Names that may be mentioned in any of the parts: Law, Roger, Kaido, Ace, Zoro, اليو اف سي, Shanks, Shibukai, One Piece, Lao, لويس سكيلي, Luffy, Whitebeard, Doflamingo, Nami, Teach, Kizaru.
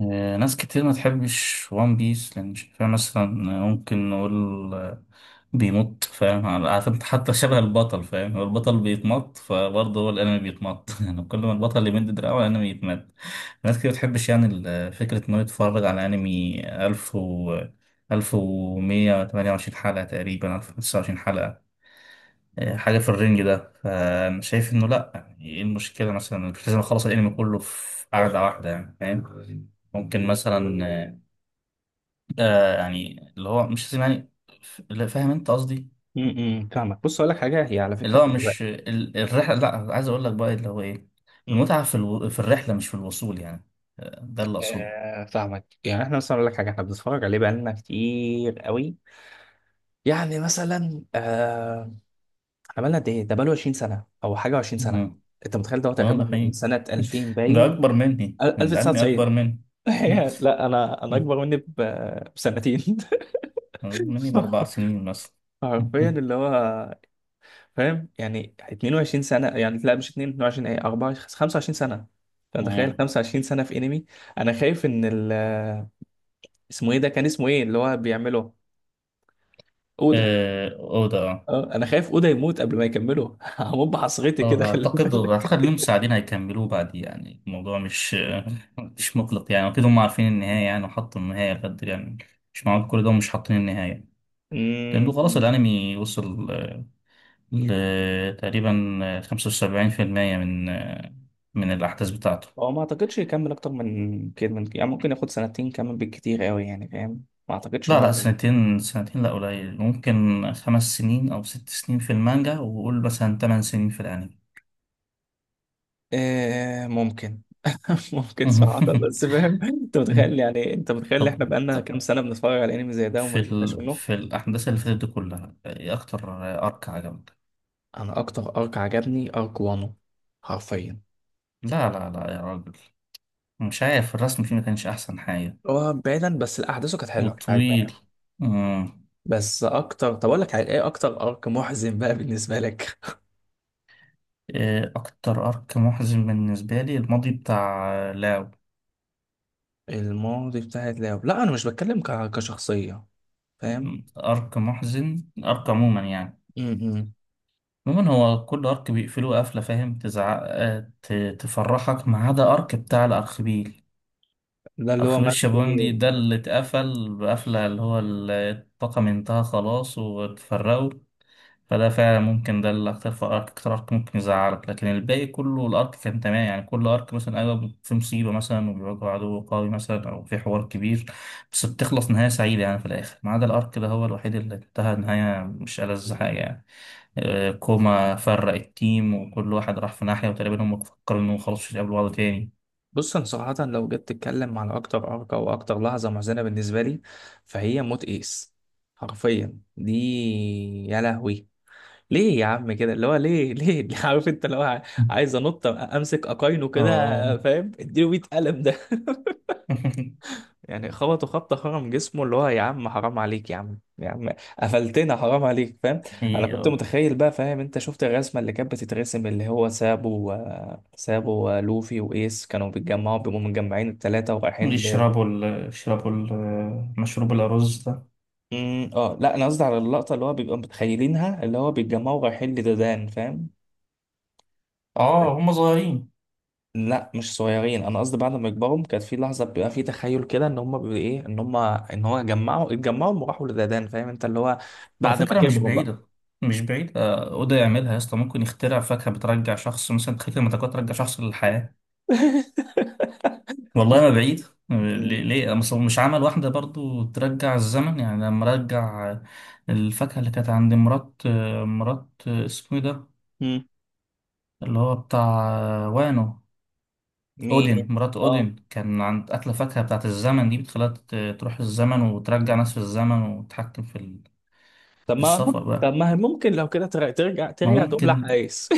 ناس كتير ما تحبش وان بيس لان شايفاه، مثلا ممكن نقول، آه، بيمط، فاهم عارف انت؟ حتى شبه البطل، فاهم؟ هو البطل بيتمط فبرضه هو الانمي بيتمط. يعني كل ما البطل يمد دراعه الانمي يتمد. ناس كتير ما بتحبش يعني فكرة انه يتفرج على انمي 1128 حلقة تقريبا، 1025 حلقة، حاجة في الرينج ده. فأنا شايف إنه لأ، يعني إيه المشكلة مثلا؟ مش لازم أخلص الأنمي كله في قعدة واحدة، يعني فاهم. ممكن مثلا، يعني اللي هو مش لازم، يعني لا، فاهم أنت قصدي. فاهمك، بص اقول لك حاجه، هي على اللي فكره هو دلوقتي. مش الرحلة، لأ، عايز أقول لك بقى اللي هو إيه، أمم، المتعة في الرحلة مش في الوصول، يعني. ده اللي أقصده. فاهمك. يعني احنا مثلا اقول لك حاجه، احنا بنتفرج عليه بقالنا كتير قوي، يعني مثلا احنا بقالنا قد ايه؟ ده بقاله 20 سنة سنه او حاجه، و20 سنه. مم. انت متخيل؟ ده هو تقريبا ده من حقيقي. سنه 2000، ده باين أكبر مني، الأنمي أكبر 1990. مني. لا انا اكبر مني بسنتين. أكبر مني ب4 سنين مثلا. حرفيا اللي هو فاهم، يعني 22 سنة سنه. يعني لا، مش 22، ايه، 24، 25 سنه. انت متخيل 25 سنة سنه في انمي؟ انا خايف ان اسمه ايه ده، كان اسمه ايه اللي هو بيعمله؟ اودا. أوضة، اه. اه، انا خايف اودا يموت قبل ما يكمله. هموت بحصرتي كده، اه، خلي أعتقد بالك. أعتقد لهم مساعدين هيكملوه بعد، يعني الموضوع مش، مش مقلق، يعني أكيد هم عارفين النهاية، يعني وحطوا النهاية بجد، يعني مش معقول كل ده ومش حاطين النهاية. لأنه خلاص امم. الأنمي وصل، ل تقريبا 75% من من الأحداث بتاعته. هو ما اعتقدش يكمل اكتر من كده، من يعني ممكن ياخد سنتين كمان بالكتير قوي، يعني فاهم، ما اعتقدش ان لا هو لا، يكمل. سنتين سنتين لا، قليل. ممكن 5 سنين أو 6 سنين في المانجا، وقول مثلا 8 سنين في الأنمي. آه ممكن، ممكن صراحة. بس فاهم، انت متخيل؟ يعني انت متخيل ان احنا بقالنا طب كام سنة بنتفرج على انمي زي ده وما بنبقاش منه؟ في الأحداث اللي فاتت دي كلها، إيه أكتر أرك عجبك؟ انا اكتر ارك عجبني ارك وانو، حرفيا. لا لا لا يا راجل، مش عارف، الرسم فيه ما كانش أحسن حاجة، هو بعيدا، بس الاحداث كانت حلوة، كانت عجباني وطويل. أوي. مم. بس اكتر، طب اقول لك على ايه، اكتر ارك محزن بقى بالنسبة لك؟ إيه أكتر أرك محزن بالنسبة لي؟ الماضي بتاع لاو. الماضي بتاعت لاو، لا انا مش بتكلم كشخصية، فاهم. مم. أرك محزن؟ أرك عموما يعني. م- م. عموما هو كل أرك بيقفلوه قفلة، فاهم؟ تزعق، تفرحك، ما عدا أرك بتاع الأرخبيل. ده اللي هو أرخبيل مات فيه. شابوندي ده اللي اتقفل بقفلة، اللي هو الطاقم انتهى خلاص واتفرقوا. فده فعلا ممكن ده اللي اكتر في ارك، اكتر ارك ممكن يزعلك. لكن الباقي كله الارك كان تمام يعني. كل ارك مثلا، ايوه، في مصيبه مثلا، وبيواجهوا عدو قوي مثلا، او في حوار كبير، بس بتخلص نهايه سعيده يعني في الاخر. ما عدا الارك ده هو الوحيد اللي انتهى نهايه مش ألذ حاجه يعني. كوما فرق التيم، وكل واحد راح في ناحيه، وتقريبا هم فكروا انهم خلاص مش هيقابلوا بعض تاني. بص انا صراحة، لو جيت تتكلم على اكتر ارقى واكتر لحظة محزنة بالنسبة لي، فهي موت ايس، حرفيا دي. يا لهوي، ليه يا عم كده؟ اللي هو ليه، ليه؟ عارف انت اللي هو عايز انط امسك اقاينه كده، اه. فاهم، اديله 100 قلم ده. يعني خبطوا خبطة خرم جسمه، اللي هو يا عم حرام عليك، يا عم، يا عم، قفلتنا، حرام عليك، فاهم. انا إيه، كنت آه. متخيل بقى، فاهم، انت شفت الرسمة اللي كانت بتترسم، اللي هو سابو سابو ولوفي وايس كانوا بيتجمعوا، بيبقوا متجمعين التلاتة ورايحين ل. يشربوا مشروب الأرز ده. اه، لا انا قصدي على اللقطة اللي هو بيبقى متخيلينها، اللي هو بيتجمعوا رايحين لدودان، فاهم. اه، هم صغيرين. لا مش صغيرين، انا قصدي بعد ما يكبروا، كانت في لحظه بيبقى في تخيل كده ان هم بي- ايه ان هم ان هو جمعوا اتجمعوا وراحوا لدادان، فاهم انت اللي هو على بعد ما فكرة مش كبروا بقى. بعيدة، مش بعيدة. أودا يعملها يا اسطى، ممكن يخترع فاكهة بترجع شخص، مثلا تخيل المتكات ترجع شخص للحياة. والله ما بعيد. ليه مم. ليه؟ أصل هو مش عمل واحدة برضو ترجع الزمن، يعني لما رجع، الفاكهة اللي كانت عند مرات، اسمه إيه ده، اللي هو بتاع، وانو. أودين، مين؟ مرات اه، أودين كان عند أكلة فاكهة بتاعت الزمن، دي بتخليها ت-، تروح الزمن وترجع ناس في الزمن، وتتحكم طب في ما السفر طب بقى. ما هي ممكن لو كده ترجع، ما تقوم ممكن، لحقايس.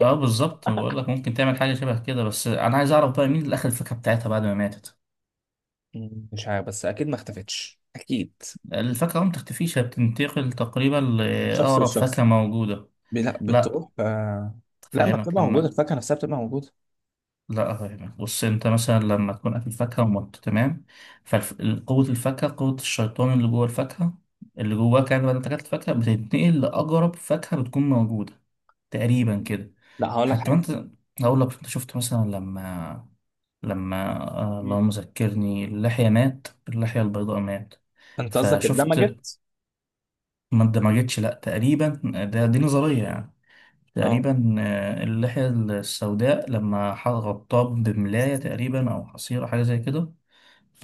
اه، بالظبط، بقول لك ممكن تعمل حاجه شبه كده، بس انا عايز اعرف بقى مين اللي اخذ الفاكهه بتاعتها بعد ما ماتت. مم، مش عارف، بس اكيد ما اختفتش، اكيد. الفاكهه ما بتختفيش، هي بتنتقل تقريبا من شخص لاقرب لشخص، فاكهه موجوده. لا لا بتروح، لا ما افهمك بتبقى موجوده، لما الفاكهه نفسها بتبقى موجوده. لا افهمك. بص انت مثلا لما تكون اكل فاكهه، ومت، تمام؟ فقوه الفاكهه، قوه الشيطان اللي جوه الفاكهه، اللي جواك يعني، بعد ما أنت اكلت الفاكهه بتتنقل لاقرب فاكهه بتكون موجوده، تقريبا كده. لا هقول لك حتى حاجه. وانت، هقول لك، انت شفت مثلا لما، مم. اللهم ذكرني، اللحية مات، اللحية البيضاء مات، انت قصدك فشفت، اندمجت؟ ما اندمجتش لا تقريبا، دي نظرية يعني. اه. تقريبا، اللحية السوداء لما غطاه بملاية تقريبا، أو حصيرة، حاجة زي كده.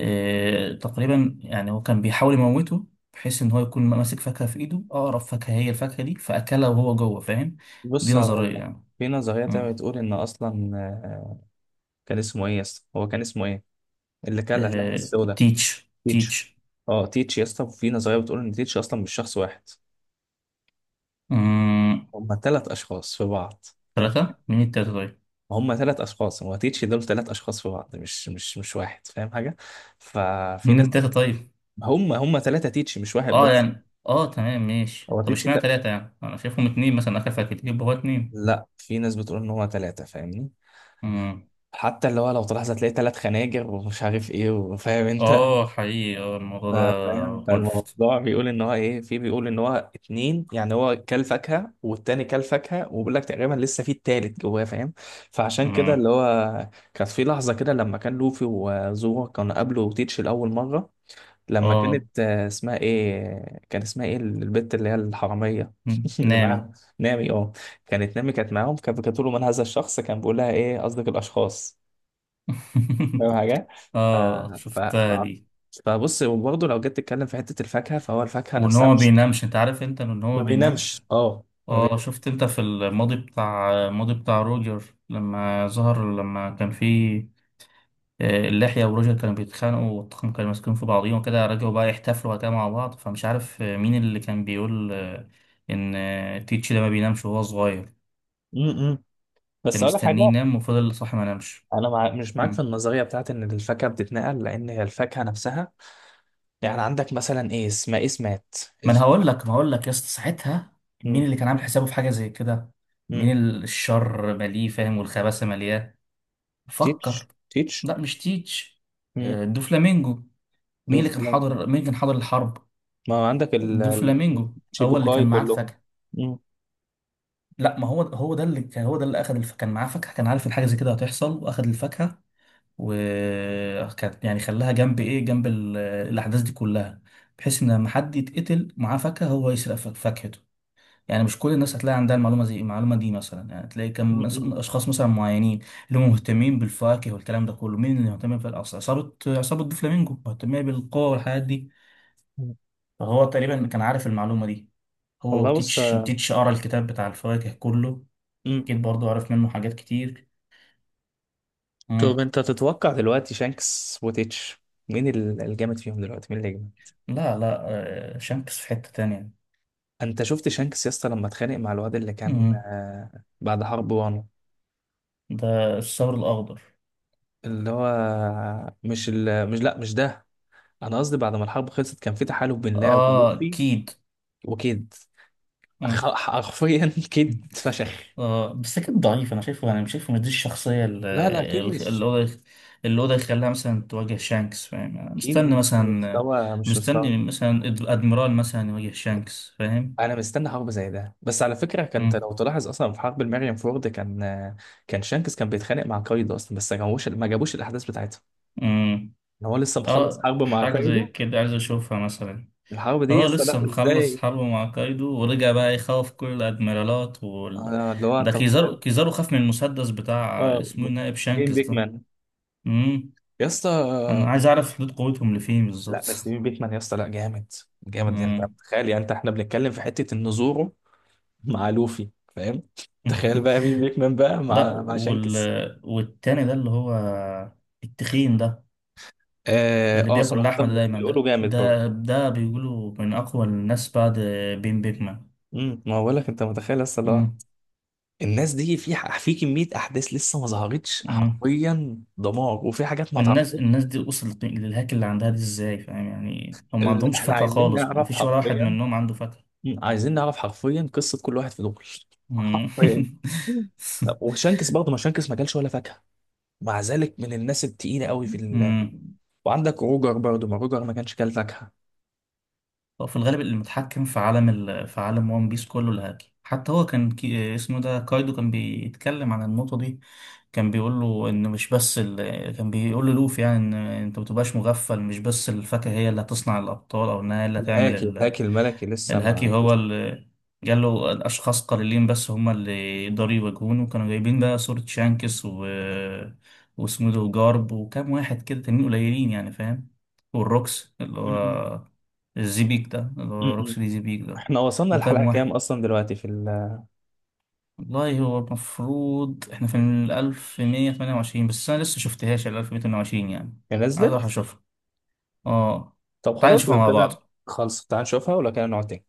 تقريبا يعني هو كان بيحاول يموته، بحيث إن هو يكون ماسك فاكهة في إيده. أقرب فاكهة هي الفاكهة دي فأكلها وهو جوه، فاهم. دي بص هقول نظرية لك، يعني. في نظريه تانية مم. بتقول ان اصلا كان اسمه ايه يا اسطى؟ هو كان اسمه ايه؟ اللي كان لحم السودا. تيتش، تيتش. تيتش. اه تيتش يا اسطى، في نظريه بتقول ان تيتش اصلا مش شخص واحد، مم. هم ثلاث اشخاص في بعض، فاهم. ثلاثة مين التالتة طيب؟ هم ثلاث اشخاص، هو تيتش دول ثلاث اشخاص في بعض، مش واحد، فاهم حاجه. ففي ناس، منين تلاتة طيب؟ هم ثلاثه تيتش، مش واحد اه بس. يعني، اه تمام ماشي، هو طب تيتش ت... اشمعنى تلاتة يعني؟ أنا شايفهم اتنين، مثلا أكل فاكهة يبقى هو اتنين. لا، في ناس بتقول ان هو ثلاثه، فاهمني. مم. حتى اللي هو لو تلاحظ هتلاقي ثلاث خناجر ومش عارف ايه، وفاهم انت. اه حقيقي، اه الموضوع ده فاهم. ملفت. فالموضوع بيقول ان هو ايه، في بيقول ان هو اتنين، يعني هو كل فاكهه والتاني كل فاكهه، وبيقول لك تقريبا لسه في التالت جواه، فاهم. فعشان كده اللي مم. هو كانت في لحظه كده لما كان لوفي وزورو كانوا قابلوا تيتش لاول مره، لما اه. كانت اسمها ايه، كان اسمها ايه البت اللي هي الحراميه مم. اللي نامي. معاها؟ نامي، اه. كانت نامي كانت معاهم، كانت بتقول له من هذا الشخص، كان بيقول لها ايه قصدك الاشخاص، فاهم حاجه. ف... اه، ف... ف... شفتها دي. فبص، وبرضه لو جيت تتكلم في حتة الفاكهة، فهو الفاكهة وان هو نفسها ما مش. بينامش، انت عارف انت ان هو ما ما بينامش. بينامش، اه ما اه، بينامش. شفت انت في الماضي، بتاع الماضي بتاع روجر، لما كان فيه، اللحية وروجر كانوا بيتخانقوا، والطاقم كانوا ماسكين في بعضيهم وكده، رجعوا بقى يحتفلوا وكده مع بعض، فمش عارف مين اللي كان بيقول آه، إن آه، تيتش ده ما بينامش وهو صغير، م- م. كان بس أقول لك مستنيه حاجة. ينام وفضل صاحي ما نامش. أنا مش معاك في مم. النظرية بتاعت إن الفاكهة بتتنقل، لأن هي الفاكهة نفسها. يعني عندك مثلا إيه اسمها، إيه اسمات. الف... ما هقول لك يا اسطى ساعتها، مين م- اللي كان عامل حسابه في حاجة زي كده؟ مين م. الشر مليه، فاهم، والخباثة ملياه؟ فكر. تيتش، تيتش. لا مش تيتش، م. دوفلامينجو. دوف كلام. مين كان حاضر الحرب؟ ما هو عندك دوفلامينجو هو اللي كان الشيبوكاي معاه كلهم. الفاكهة. م- لا، ما هو هو ده اللي كان هو ده اللي اخذ كان معاه فاكهه، كان عارف ان حاجه زي كده هتحصل، واخذ الفاكهه، وكانت يعني خلاها جنب، ايه، جنب الاحداث دي كلها، بحيث ان لما حد يتقتل معاه فاكهه هو يسرق فاكهته. يعني مش كل الناس هتلاقي عندها المعلومه زي المعلومه دي، مثلا يعني تلاقي كم م- اشخاص مثلا معينين اللي هم مهتمين بالفواكه والكلام ده كله. مين اللي مهتم عصابه بفلامينجو، مهتميه بالقوه والحاجات دي. م. فهو تقريبا كان عارف المعلومه دي، هو والله بص، وتيتش، تيتش قرا الكتاب بتاع الفواكه كله، م. أكيد برضو عارف منه حاجات كتير. طب مم. انت تتوقع دلوقتي شانكس وتيتش، مين الجامد فيهم دلوقتي، مين اللي يجمد؟ لا لا، شانكس في حتة تانية. انت شفت شانكس يا اسطى لما اتخانق مع الواد اللي كان مم. بعد حرب وانو؟ ده الثور الأخضر. اللي هو مش ال... مش لا مش ده. انا قصدي بعد ما الحرب خلصت، كان في تحالف بين لاو آه ولوفي أكيد. وكيد. مم. حرفيا كيد مم. اتفشخ. بس أكيد ضعيف، أنا شايفه يعني، مش شايفه مش دي الشخصية لا لا، اللي اللي هو اللي هو ده يخليها مثلا تواجه شانكس، فاهم. أنا كيد مستني مش مثلا مستوى، مش مستوى. مستني مثلا الأدميرال مثلا يواجه شانكس، فاهم. انا مستني حرب زي ده. بس على فكره، كانت مم. لو تلاحظ اصلا في حرب المريم فورد، كان كان شانكس كان بيتخانق مع كايدو اصلا، بس ما جابوش الاحداث بتاعتها، مم. ان هو لسه مخلص حرب مع حاجة زي كايدو. كده عايز أشوفها مثلا. الحرب دي يا اه، اسطى، لسه لا مخلص ازاي؟ حرب مع كايدو، ورجع بقى يخوف كل الادميرالات اللي هو ده انت متخيل؟ كيزارو، كيزارو خاف من المسدس بتاع، اه. اسمه إيه، نائب مين شانكس ده. بيكمان امم. يا اسطى؟ انا عايز اعرف حدود قوتهم لفين لا بالظبط. بس مين بيكمان يا اسطى، لا جامد، جامد. يعني انت امم. تخيل، يعني انت احنا بنتكلم في حته ان زورو مع لوفي، فاهم، تخيل بقى مين بيكمان بقى لا، مع مع شانكس. والتاني ده اللي هو، التخين ده، اه، اللي بياكل صراحه لحمه ده دايما، بيقولوا ده جامد برضه. ده ده بيقولوا من اقوى الناس بعد بين بيكمان. ما بقول لك، انت متخيل لسه اللي هو الناس دي في في كميه احداث لسه ما ظهرتش، امم حرفيا دمار، وفي حاجات ما الناس اتعرفتش. الناس دي وصلت للهاك اللي عندها دي ازاي، فاهم يعني؟ هم ما عندهمش احنا فاكهة عايزين خالص، ما نعرف فيش ولا واحد حرفيا، منهم عنده فاكهة. مم، عايزين نعرف حرفيا قصه كل واحد في دول، مم. حرفيا. مم. طب وشانكس برضه، ما شانكس ما كلش ولا فاكهه، مع ذلك من الناس التقيله قوي في مم. وعندك روجر برضه، ما روجر ما كانش كل فاكهه. هو في الغالب المتحكم في عالم في عالم وان بيس كله الهاكي. حتى هو كان اسمه ده كايدو كان بيتكلم عن النقطة دي، كان بيقول له ان مش بس كان بيقول للوفي يعني، ان انت ما تبقاش مغفل، مش بس الفاكهة هي اللي هتصنع الابطال، او انها هي اللي هتعمل الهاكي الملكي لسه الهاكي ما. هو اللي، قال له الاشخاص قليلين بس هم اللي يقدروا يواجهونه، كانوا جايبين بقى صورة شانكس واسمه ده، وجارب، وكام واحد كده تانيين قليلين، يعني فاهم. والروكس اللي مم، مم. هو الزبيك ده، اللي مم، هو مم. روكسي زبيك ده، احنا وصلنا وكام الحلقه كام واحد. اصلا دلوقتي في والله هو المفروض احنا في ال1128، بس أنا لسه مشفتهاش ال1128 يعني. هي عايز أروح نزلت؟ أشوفها. اه. طب تعالى خلاص نشوفها لو مع كده، بعض. خلص تعال نشوفها، ولو كده نقعد تاني.